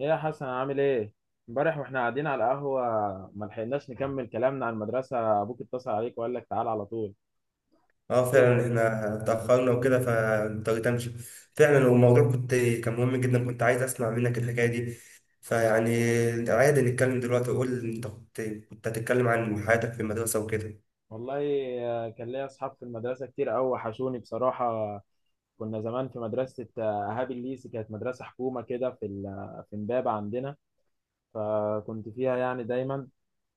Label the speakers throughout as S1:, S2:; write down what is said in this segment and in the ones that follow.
S1: ايه يا حسن، عامل ايه؟ امبارح واحنا قاعدين على القهوه ما لحقناش نكمل كلامنا عن المدرسه، ابوك اتصل عليك وقال لك تعال على طول.
S2: اه
S1: ايه
S2: فعلا احنا اتأخرنا وكده فاضطريت امشي. فعلا الموضوع كان مهم جدا، كنت عايز اسمع منك الحكاية دي. فيعني عادي نتكلم دلوقتي، قول انت كنت هتتكلم عن حياتك في المدرسة وكده.
S1: والله. كان ليا اصحاب في المدرسه كتير قوي، وحشوني بصراحه. كنا زمان في مدرسه، اهاب الليسي، كانت مدرسه حكومه كده في في امبابه عندنا. فكنت فيها يعني دايما.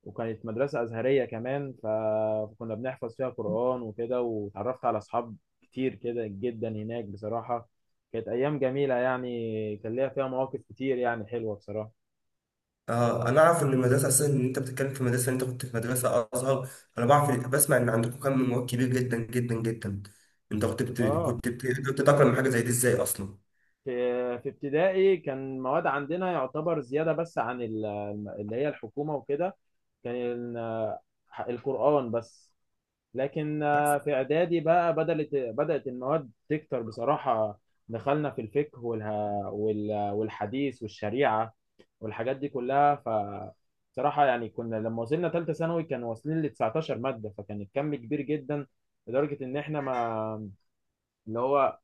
S1: وكانت مدرسة أزهرية كمان، فكنا بنحفظ فيها قرآن وكده، وتعرفت على أصحاب كتير كده جدا هناك بصراحة. كانت أيام جميلة، يعني كان ليها فيها مواقف كتير يعني حلوة بصراحة.
S2: اه انا اعرف ان المدرسة اصلا ان انت بتتكلم في مدرسة، انت كنت في مدرسة ازهر، انا بعرف، بسمع ان عندكم كم من مواد كبير جدا جدا جدا. انت
S1: آه،
S2: كنت تتأقلم مع حاجة زي دي ازاي اصلا؟
S1: في في ابتدائي كان مواد عندنا يعتبر زيادة بس عن اللي هي الحكومة وكده. كان القرآن بس. لكن في إعدادي بقى بدأت المواد تكتر بصراحة. دخلنا في الفقه والحديث والشريعة والحاجات دي كلها. ف صراحة يعني كنا لما وصلنا ثالثة ثانوي كانوا واصلين ل 19 مادة، فكان الكم كبير جدا، لدرجة إن إحنا ما، اللي هو،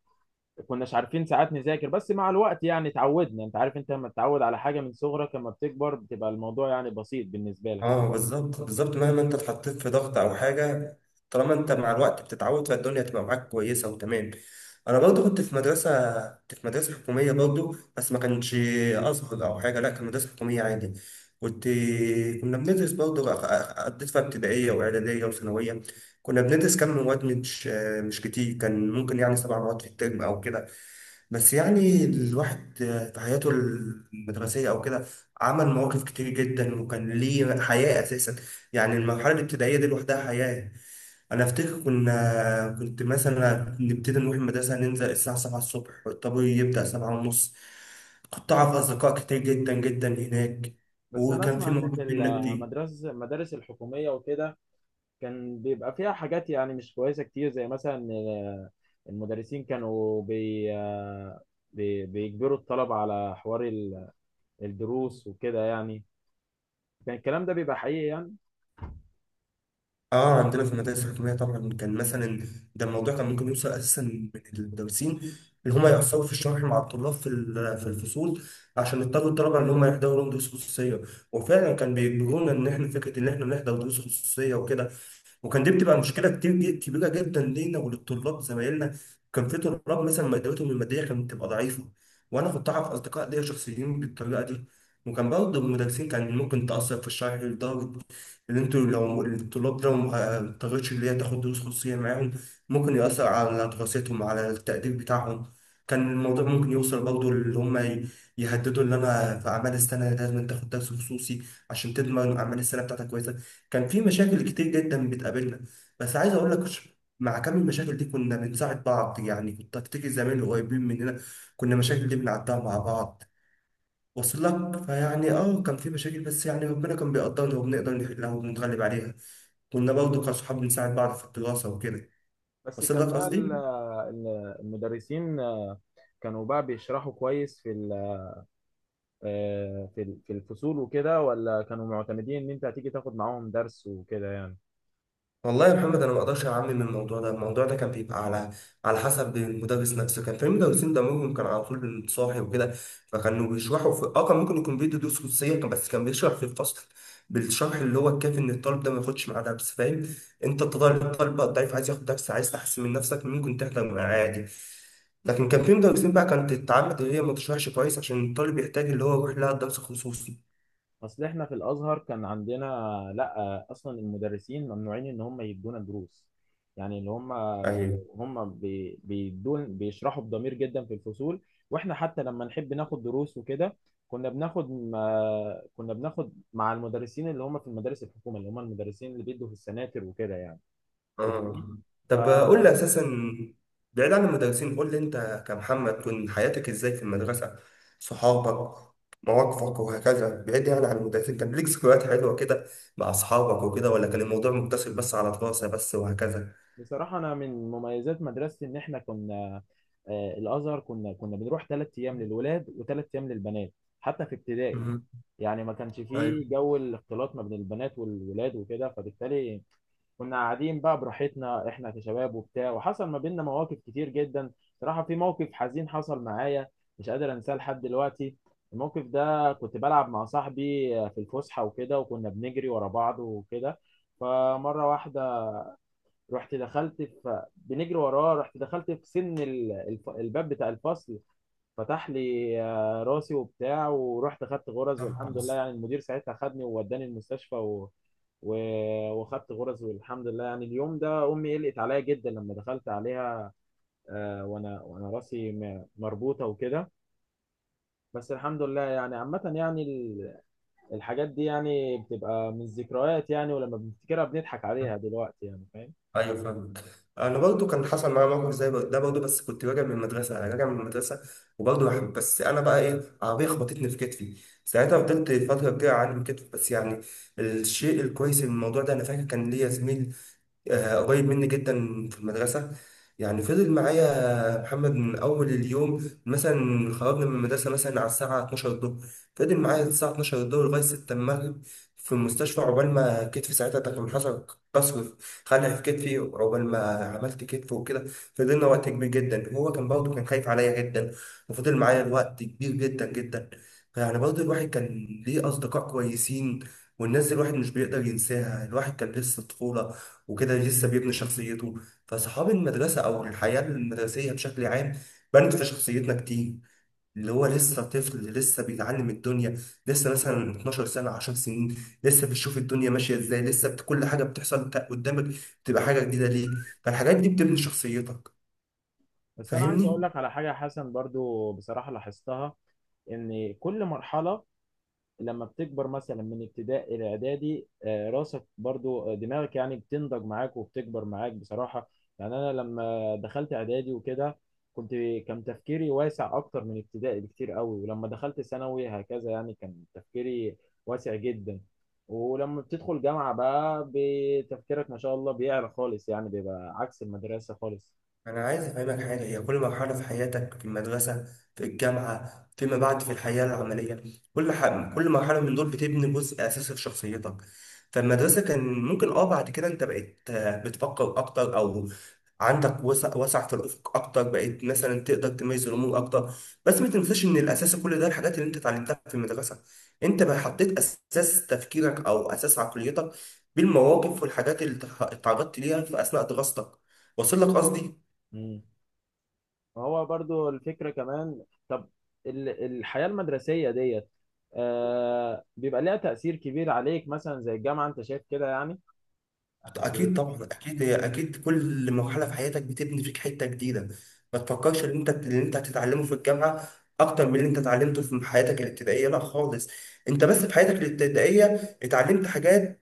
S1: كناش عارفين ساعات نذاكر. بس مع الوقت يعني اتعودنا، أنت عارف أنت لما تتعود على حاجة من صغرك لما بتكبر بتبقى الموضوع يعني بسيط بالنسبة لك.
S2: اه بالظبط بالظبط، مهما انت اتحطيت في ضغط او حاجه، طالما انت مع الوقت بتتعود، فالدنيا تبقى معاك كويسه وتمام. انا برضو كنت في مدرسه حكوميه برضو، بس ما كانش ازهر او حاجه، لا كان مدرسه حكوميه عادي. كنت كنا بندرس برضو قضيت فيها ابتدائيه واعداديه وثانويه. كنا بندرس كم مواد، مش كتير، كان ممكن يعني سبع مواد في الترم او كده. بس يعني الواحد في حياته المدرسية أو كده عمل مواقف كتير جدا، وكان ليه حياة أساسا. يعني المرحلة الابتدائية دي لوحدها حياة. أنا أفتكر كنت مثلا نبتدي نروح المدرسة، ننزل الساعة 7 الصبح، والطابور يبدأ 7:30. كنت أعرف أصدقاء كتير جدا جدا هناك،
S1: بس أنا
S2: وكان
S1: أسمع
S2: في
S1: إن
S2: مواقف
S1: في
S2: بينا كتير.
S1: المدرسة، المدارس الحكومية وكده، كان بيبقى فيها حاجات يعني مش كويسة كتير، زي مثلا المدرسين كانوا بيجبروا الطلبة على حوار الدروس وكده يعني. كان الكلام ده بيبقى حقيقي يعني.
S2: اه عندنا في المدارس الحكوميه طبعا كان مثلا، ده الموضوع كان ممكن يوصل اساسا من المدرسين اللي هم يأثروا في الشرح مع الطلاب في في الفصول، عشان يضطروا الطلبه ان هم يحضروا لهم دروس خصوصيه. وفعلا كان بيجبرونا ان احنا فكره ان احنا نحضر دروس خصوصيه وكده. وكان دي بتبقى مشكله كتير كبيره جدا لينا وللطلاب زمايلنا. كان في طلاب مثلا مادتهم الماديه كانت بتبقى ضعيفه، وانا كنت اعرف اصدقاء ليا شخصيين بالطريقه دي. وكان برضه المدرسين كان ممكن تاثر في الشرح، لدرجه ان انتوا لو الطلاب ده ما اضطرتش اللي هي تاخد دروس خصوصيه معاهم، ممكن ياثر على دراستهم، على التقدير بتاعهم. كان الموضوع ممكن يوصل برضه اللي هم يهددوا ان انا في اعمال السنه لازم تاخد درس خصوصي عشان تضمن اعمال السنه بتاعتك كويسه. كان في مشاكل كتير جدا بتقابلنا. بس عايز اقول لك، مع كم المشاكل دي كنا بنساعد بعض، يعني كنت افتكر زمان اللي قريبين مننا، كنا المشاكل دي بنعدها مع بعض. وصل لك؟ فيعني كان في مشاكل، بس يعني ربنا كان بيقدرنا وبنقدر نحلها وبنتغلب عليها. كنا برضه كأصحاب بنساعد بعض في الدراسة وكده.
S1: بس
S2: وصل
S1: كان
S2: لك
S1: بقى
S2: قصدي؟
S1: المدرسين كانوا بقى بيشرحوا كويس في في الفصول وكده، ولا كانوا معتمدين ان انت هتيجي تاخد معاهم درس وكده؟
S2: والله يا محمد انا ما اقدرش اعمم من الموضوع ده، الموضوع ده كان بيبقى على حسب المدرس نفسه. كان في مدرسين دمهم كان على طول بالصاحي وكده، فكانوا بيشرحوا في، كان ممكن يكون بيدي دروس خصوصيه بس كان بيشرح في الفصل بالشرح اللي هو الكافي ان الطالب ده ما ياخدش معاه درس، فاهم؟ انت الطالب الضعيف عايز ياخد درس، عايز تحسن من نفسك، ممكن تحضر معاه عادي. لكن كان
S1: يعني
S2: في مدرسين بقى كانت تتعمد ان هي ما تشرحش كويس عشان الطالب يحتاج اللي هو يروح لها الدرس الخصوصي.
S1: اصل احنا في الازهر كان عندنا، لا اصلا المدرسين ممنوعين ان هم يدونا دروس. يعني اللي هم،
S2: يعني
S1: هم بيدون بيشرحوا بضمير جدا في الفصول. واحنا حتى لما نحب ناخد دروس وكده، كنا بناخد، ما كنا بناخد مع المدرسين اللي هم في المدارس الحكومه، اللي هم المدرسين اللي بيدوا في السناتر وكده يعني. فاهمني؟
S2: اه
S1: ف
S2: طب قول لي اساسا، بعيد عن المدرسين، قول لي انت كمحمد كنت حياتك ازاي في المدرسه، صحابك، مواقفك وهكذا، بعيد يعني عن المدرسين، كان ليك ذكريات حلوه كده مع اصحابك وكده، ولا كان الموضوع مقتصر بس على دراسه بس وهكذا؟
S1: بصراحة أنا من مميزات مدرستي إن إحنا كنا، الأزهر، كنا بنروح ثلاث أيام للولاد وثلاث أيام للبنات، حتى في ابتدائي.
S2: امم.
S1: يعني ما كانش
S2: ايوه.
S1: فيه جو الاختلاط ما بين البنات والولاد وكده، فبالتالي كنا قاعدين بقى براحتنا، إحنا كشباب وبتاع، وحصل ما بيننا مواقف كتير جدا. بصراحة في موقف حزين حصل معايا مش قادر أنساه لحد دلوقتي. الموقف ده كنت بلعب مع صاحبي في الفسحة وكده، وكنا بنجري ورا بعض وكده. فمرة واحدة رحت دخلت في، بنجري وراه، رحت دخلت في سن الباب بتاع الفصل، فتح لي راسي وبتاع، ورحت خدت غرز. والحمد لله
S2: خلاص.
S1: يعني المدير ساعتها خدني ووداني المستشفى، و... وخدت غرز. والحمد لله يعني. اليوم ده امي قلقت عليا جدا لما دخلت عليها، وانا راسي مربوطه وكده. بس الحمد لله يعني. عامة يعني الحاجات دي يعني بتبقى من الذكريات، يعني ولما بنفتكرها بنضحك عليها دلوقتي يعني. فاهم؟
S2: ايوه، فاهمك. انا برضو كان حصل معايا موقف زي ده برضو، بس كنت راجع من المدرسه، انا راجع من المدرسه وبرضو بس انا بقى ايه، عربيه خبطتني في كتفي. ساعتها فضلت فتره كبيره اعلم كتفي، بس يعني الشيء الكويس من الموضوع ده، انا فاكر كان ليا زميل قريب مني جدا في المدرسة، يعني فضل معايا محمد من أول اليوم. مثلا خرجنا من المدرسة مثلا على الساعة 12 الظهر، فضل معايا الساعة 12 الظهر لغاية 6 المغرب في المستشفى، عقبال ما كتفي ساعتها ده كان حصل كسر، خلع في كتفي، عقبال ما عملت كتف وكده. فضلنا وقت كبير جدا، وهو كان برضه كان خايف عليا جدا، وفضل معايا الوقت كبير جدا جدا. يعني برضه الواحد كان ليه أصدقاء كويسين، والناس دي الواحد مش بيقدر ينساها. الواحد كان لسه طفولة وكده، لسه بيبني شخصيته، فصحاب المدرسة أو الحياة المدرسية بشكل عام بنت في شخصيتنا كتير. اللي هو لسه طفل، لسه بيتعلم الدنيا، لسه مثلا 12 سنة، 10 سنين، لسه بتشوف الدنيا ماشية ازاي، لسه كل حاجة بتحصل قدامك بتبقى حاجة جديدة ليك، فالحاجات دي بتبني شخصيتك.
S1: بس انا عايز اقول
S2: فاهمني؟
S1: لك على حاجه يا حسن، برضو بصراحه لاحظتها، ان كل مرحله لما بتكبر، مثلا من ابتدائي الى اعدادي، راسك برضو، دماغك يعني بتنضج معاك وبتكبر معاك بصراحه. يعني انا لما دخلت اعدادي وكده كنت، كان تفكيري واسع اكتر من ابتدائي بكتير قوي. ولما دخلت ثانوي هكذا، يعني كان تفكيري واسع جدا. ولما بتدخل جامعه بقى بتفكيرك ما شاء الله بيعلى خالص، يعني بيبقى عكس المدرسه خالص.
S2: أنا عايز أفهمك حاجة، هي كل مرحلة في حياتك، في المدرسة، في الجامعة، فيما بعد في الحياة العملية، كل ح... كل مرحلة من دول بتبني جزء أساسي في شخصيتك. فالمدرسة كان ممكن بعد كده أنت بقيت بتفكر أكتر، أو عندك وسع وسع في الأفق أكتر، بقيت مثلا تقدر تميز الأمور أكتر. بس ما تنساش إن الأساس كل ده الحاجات اللي أنت اتعلمتها في المدرسة، أنت بقى حطيت أساس تفكيرك أو أساس عقليتك بالمواقف والحاجات اللي اتعرضت ليها في أثناء دراستك. وصل لك قصدي؟
S1: مم. ما هو برضو الفكرة كمان، طب الحياة المدرسية ديت آه بيبقى ليها تأثير كبير عليك، مثلا زي الجامعة انت شايف كده يعني. بس
S2: اكيد طبعا، اكيد، هي اكيد كل مرحله في حياتك بتبني فيك حته جديده. ما تفكرش ان انت اللي انت هتتعلمه في الجامعه اكتر من اللي انت اتعلمته في حياتك الابتدائيه، لا خالص. انت بس في حياتك الابتدائيه اتعلمت حاجات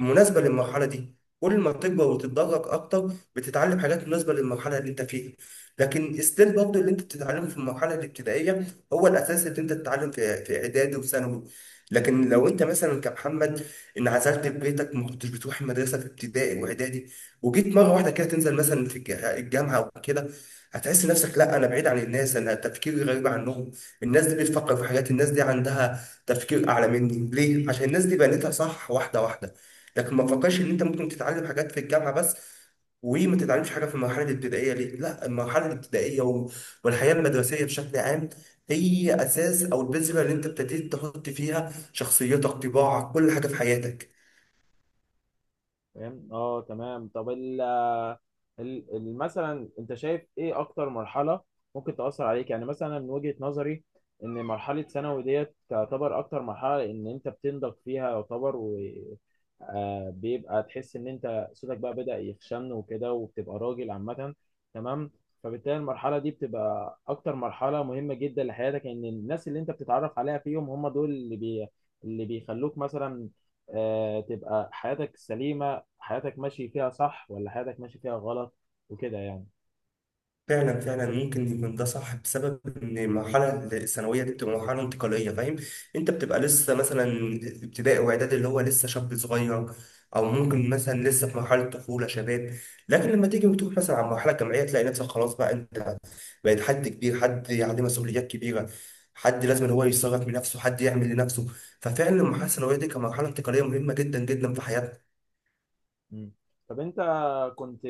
S2: مناسبة للمرحلة دي، كل ما بتكبر وتتدرج أكتر بتتعلم حاجات مناسبة للمرحلة اللي أنت فيها. لكن ستيل برضه اللي أنت بتتعلمه في المرحلة الابتدائية هو الأساس اللي أنت تتعلم في إعدادي وثانوي. لكن لو أنت مثلا كمحمد انعزلت في بيتك، ما كنتش بتروح المدرسة في ابتدائي وإعدادي، وجيت مرة واحدة كده تنزل مثلا في الجامعة أو كده، هتحس نفسك، لا، أنا بعيد عن الناس، أنا تفكيري غريب عنهم، الناس دي بتفكر في حاجات، الناس دي عندها تفكير أعلى مني، ليه؟ عشان الناس دي بنيتها صح واحدة واحدة. لكن ما تفكرش ان انت ممكن تتعلم حاجات في الجامعه بس، وما تتعلمش حاجه في المرحله الابتدائيه، ليه؟ لا، المرحله الابتدائيه والحياه المدرسيه بشكل عام هي اساس، او البذره اللي انت ابتديت تحط فيها شخصيتك، طباعك، كل حاجه في حياتك.
S1: فاهم، اه تمام. طب ال، مثلا انت شايف ايه اكتر مرحله ممكن تاثر عليك؟ يعني مثلا من وجهه نظري ان مرحله ثانوي ديت تعتبر اكتر مرحله ان انت بتنضج فيها يعتبر، و بيبقى تحس ان انت صوتك بقى بدأ يخشن وكده، وبتبقى راجل عامه. تمام. فبالتالي المرحله دي بتبقى اكتر مرحله مهمه جدا لحياتك، ان الناس اللي انت بتتعرف عليها فيهم هم دول اللي اللي بيخلوك مثلا تبقى حياتك سليمة، حياتك ماشي فيها صح ولا حياتك ماشي فيها غلط وكده يعني.
S2: فعلا فعلا ممكن يكون ده صح، بسبب ان المرحله الثانويه دي بتبقى مرحله انتقاليه، فاهم؟ انت بتبقى لسه مثلا ابتدائي واعدادي اللي هو لسه شاب صغير، او ممكن مثلا لسه في مرحله طفوله، شباب. لكن لما تيجي وتروح مثلا على المرحله الجامعيه، تلاقي نفسك خلاص بقى انت بقيت حد كبير، حد عليه مسؤوليات كبيره، حد لازم إن هو يتصرف بنفسه، حد يعمل لنفسه. ففعلا المرحله الثانويه دي كمرحله انتقاليه مهمه جدا جدا في حياتنا.
S1: مم. طب انت، كنت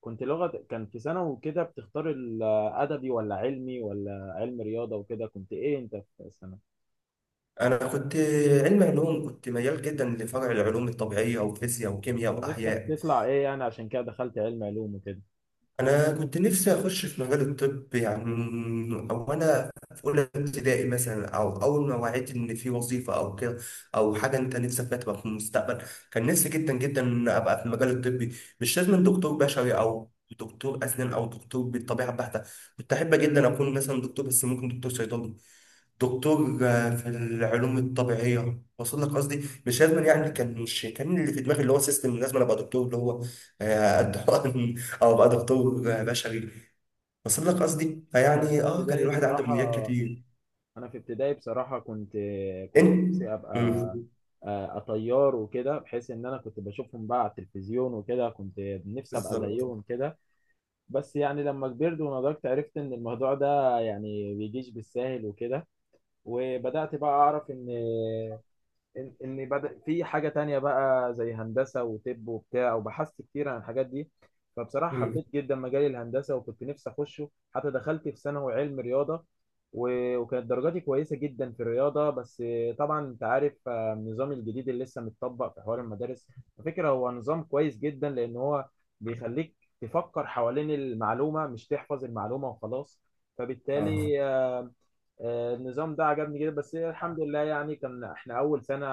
S1: كنت لغة كان في سنة وكده بتختار الأدبي ولا علمي ولا علم رياضة وكده، كنت إيه أنت في السنة؟
S2: انا كنت علم علوم، كنت ميال جدا لفرع العلوم الطبيعيه، وفيزياء وكيمياء
S1: كان نفسك
S2: واحياء.
S1: تطلع إيه يعني عشان كده دخلت علم علوم وكده؟
S2: انا كنت نفسي اخش في مجال الطب يعني، او انا في اولى ابتدائي مثلا، او اول ما وعيت ان في وظيفه او كده، او حاجه انت نفسك فيها تبقى في المستقبل، كان نفسي جدا جدا ان ابقى في المجال الطبي. مش لازم دكتور بشري، او دكتور اسنان، او دكتور بالطبيعه البحته، كنت احب جدا اكون مثلا دكتور، بس ممكن دكتور صيدله، دكتور في العلوم الطبيعيه. وصل لك قصدي؟ مش لازم يعني،
S1: مم.
S2: مش كان اللي في دماغي اللي هو سيستم لازم انا ابقى دكتور اللي هو قد حقن او ابقى دكتور بشري. وصل لك قصدي؟
S1: أنا في
S2: فيعني كان
S1: ابتدائي
S2: الواحد عنده
S1: بصراحة
S2: امنيات كتير.
S1: أنا في ابتدائي بصراحة كنت
S2: انت.
S1: نفسي أبقى
S2: مم.
S1: طيار وكده، بحيث إن أنا كنت بشوفهم بقى على التلفزيون وكده، كنت نفسي أبقى
S2: بالظبط.
S1: زيهم كده. بس يعني لما كبرت ونضجت عرفت ان الموضوع ده يعني بيجيش بالساهل وكده. وبدأت بقى اعرف ان، اني بدأ في حاجه تانية بقى زي هندسه وطب وبتاع. وبحثت كتير عن الحاجات دي، فبصراحه
S2: مم.
S1: حبيت جدا مجال الهندسه وكنت نفسي اخشه، حتى دخلت في ثانوي علم رياضه. وكانت درجاتي كويسه جدا في الرياضه. بس طبعا انت عارف النظام الجديد اللي لسه متطبق في حوار المدارس، على فكره هو نظام كويس جدا، لان هو بيخليك تفكر حوالين المعلومه مش تحفظ المعلومه وخلاص.
S2: اه.
S1: فبالتالي النظام ده عجبني جدا. بس الحمد لله يعني كان احنا اول سنة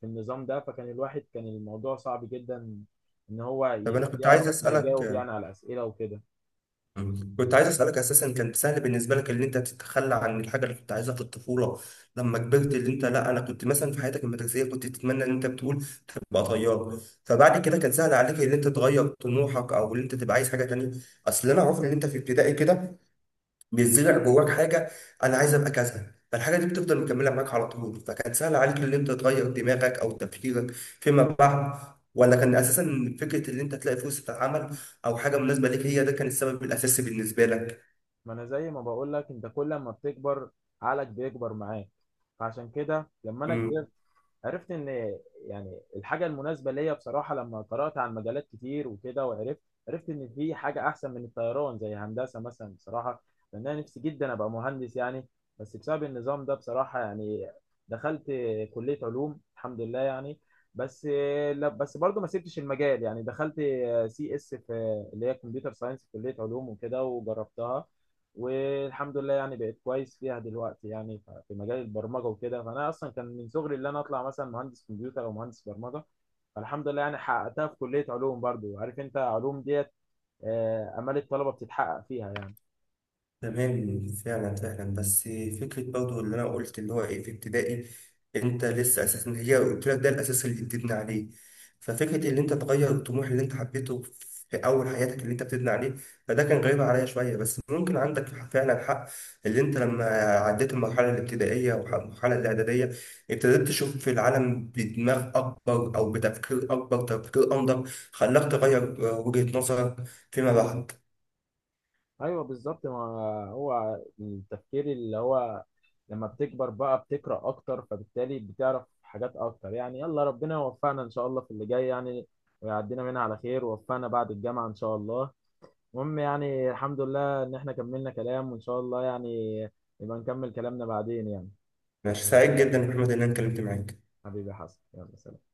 S1: في النظام ده، فكان الواحد كان الموضوع صعب جدا ان هو
S2: طب انا كنت
S1: يعرف
S2: عايز اسالك،
S1: يجاوب يعني على اسئلة وكده.
S2: كنت عايز اسالك اساسا، كان سهل بالنسبه لك ان انت تتخلى عن الحاجه اللي كنت عايزها في الطفوله لما كبرت؟ اللي انت، لا انا كنت مثلا، في حياتك المدرسيه كنت تتمنى ان انت بتقول تبقى طيار، فبعد كده كان سهل عليك ان انت تغير طموحك، او ان انت تبقى عايز حاجه تانيه؟ اصل انا عارف ان انت في ابتدائي كده بيزرع جواك حاجه، انا عايز ابقى كذا، فالحاجه دي بتفضل مكمله معاك على طول، فكان سهل عليك ان انت تغير دماغك او تفكيرك فيما بعد؟ ولا كان اساسا فكره ان انت تلاقي فرصه عمل او حاجه مناسبه ليك، هي ده كان السبب الاساسي بالنسبه لك؟
S1: ما انا زي ما بقول لك، انت كل ما بتكبر عقلك بيكبر معاك. فعشان كده لما انا كبرت
S2: مم.
S1: عرفت ان، يعني الحاجه المناسبه ليا بصراحه لما قرات عن مجالات كتير وكده وعرفت، عرفت ان في حاجه احسن من الطيران زي هندسه مثلا بصراحه، لان انا نفسي جدا ابقى مهندس يعني. بس بسبب النظام ده بصراحه يعني دخلت كليه علوم، الحمد لله يعني. بس، لا بس برضه ما سبتش المجال، يعني دخلت سي اس في اللي هي كمبيوتر ساينس في كليه علوم وكده وجربتها، والحمد لله يعني بقيت كويس فيها دلوقتي يعني، في مجال البرمجه وكده. فانا اصلا كان من صغري اللي انا اطلع مثلا مهندس كمبيوتر او مهندس برمجه، فالحمد لله يعني حققتها في كليه علوم. برضو عارف انت علوم ديت امال الطلبه بتتحقق فيها يعني.
S2: تمام. فعلا فعلا، بس فكرة برضو اللي أنا قلت اللي هو إيه، في ابتدائي أنت لسه أساسا، هي قلت لك ده الأساس اللي بتبني عليه. ففكرة اللي أنت تغير الطموح اللي أنت حبيته في أول حياتك اللي أنت بتبني عليه، فده كان غريب عليا شوية، بس ممكن عندك فعلا حق، اللي أنت لما عديت المرحلة الابتدائية والمرحلة الإعدادية، ابتديت تشوف في العالم بدماغ أكبر أو بتفكير أكبر، تفكير أنضج، خلاك تغير وجهة نظرك فيما بعد.
S1: ايوه بالظبط. ما هو التفكير اللي هو لما بتكبر بقى بتقرا اكتر، فبالتالي بتعرف حاجات اكتر يعني. يلا، ربنا يوفقنا ان شاء الله في اللي جاي يعني، ويعدينا منها على خير ووفقنا بعد الجامعه ان شاء الله. المهم يعني الحمد لله ان احنا كملنا كلام، وان شاء الله يعني نبقى نكمل كلامنا بعدين يعني.
S2: ماشي، سعيد جدا يا محمد إن أنا اتكلمت معاك.
S1: حبيبي يا حسن، يلا سلام.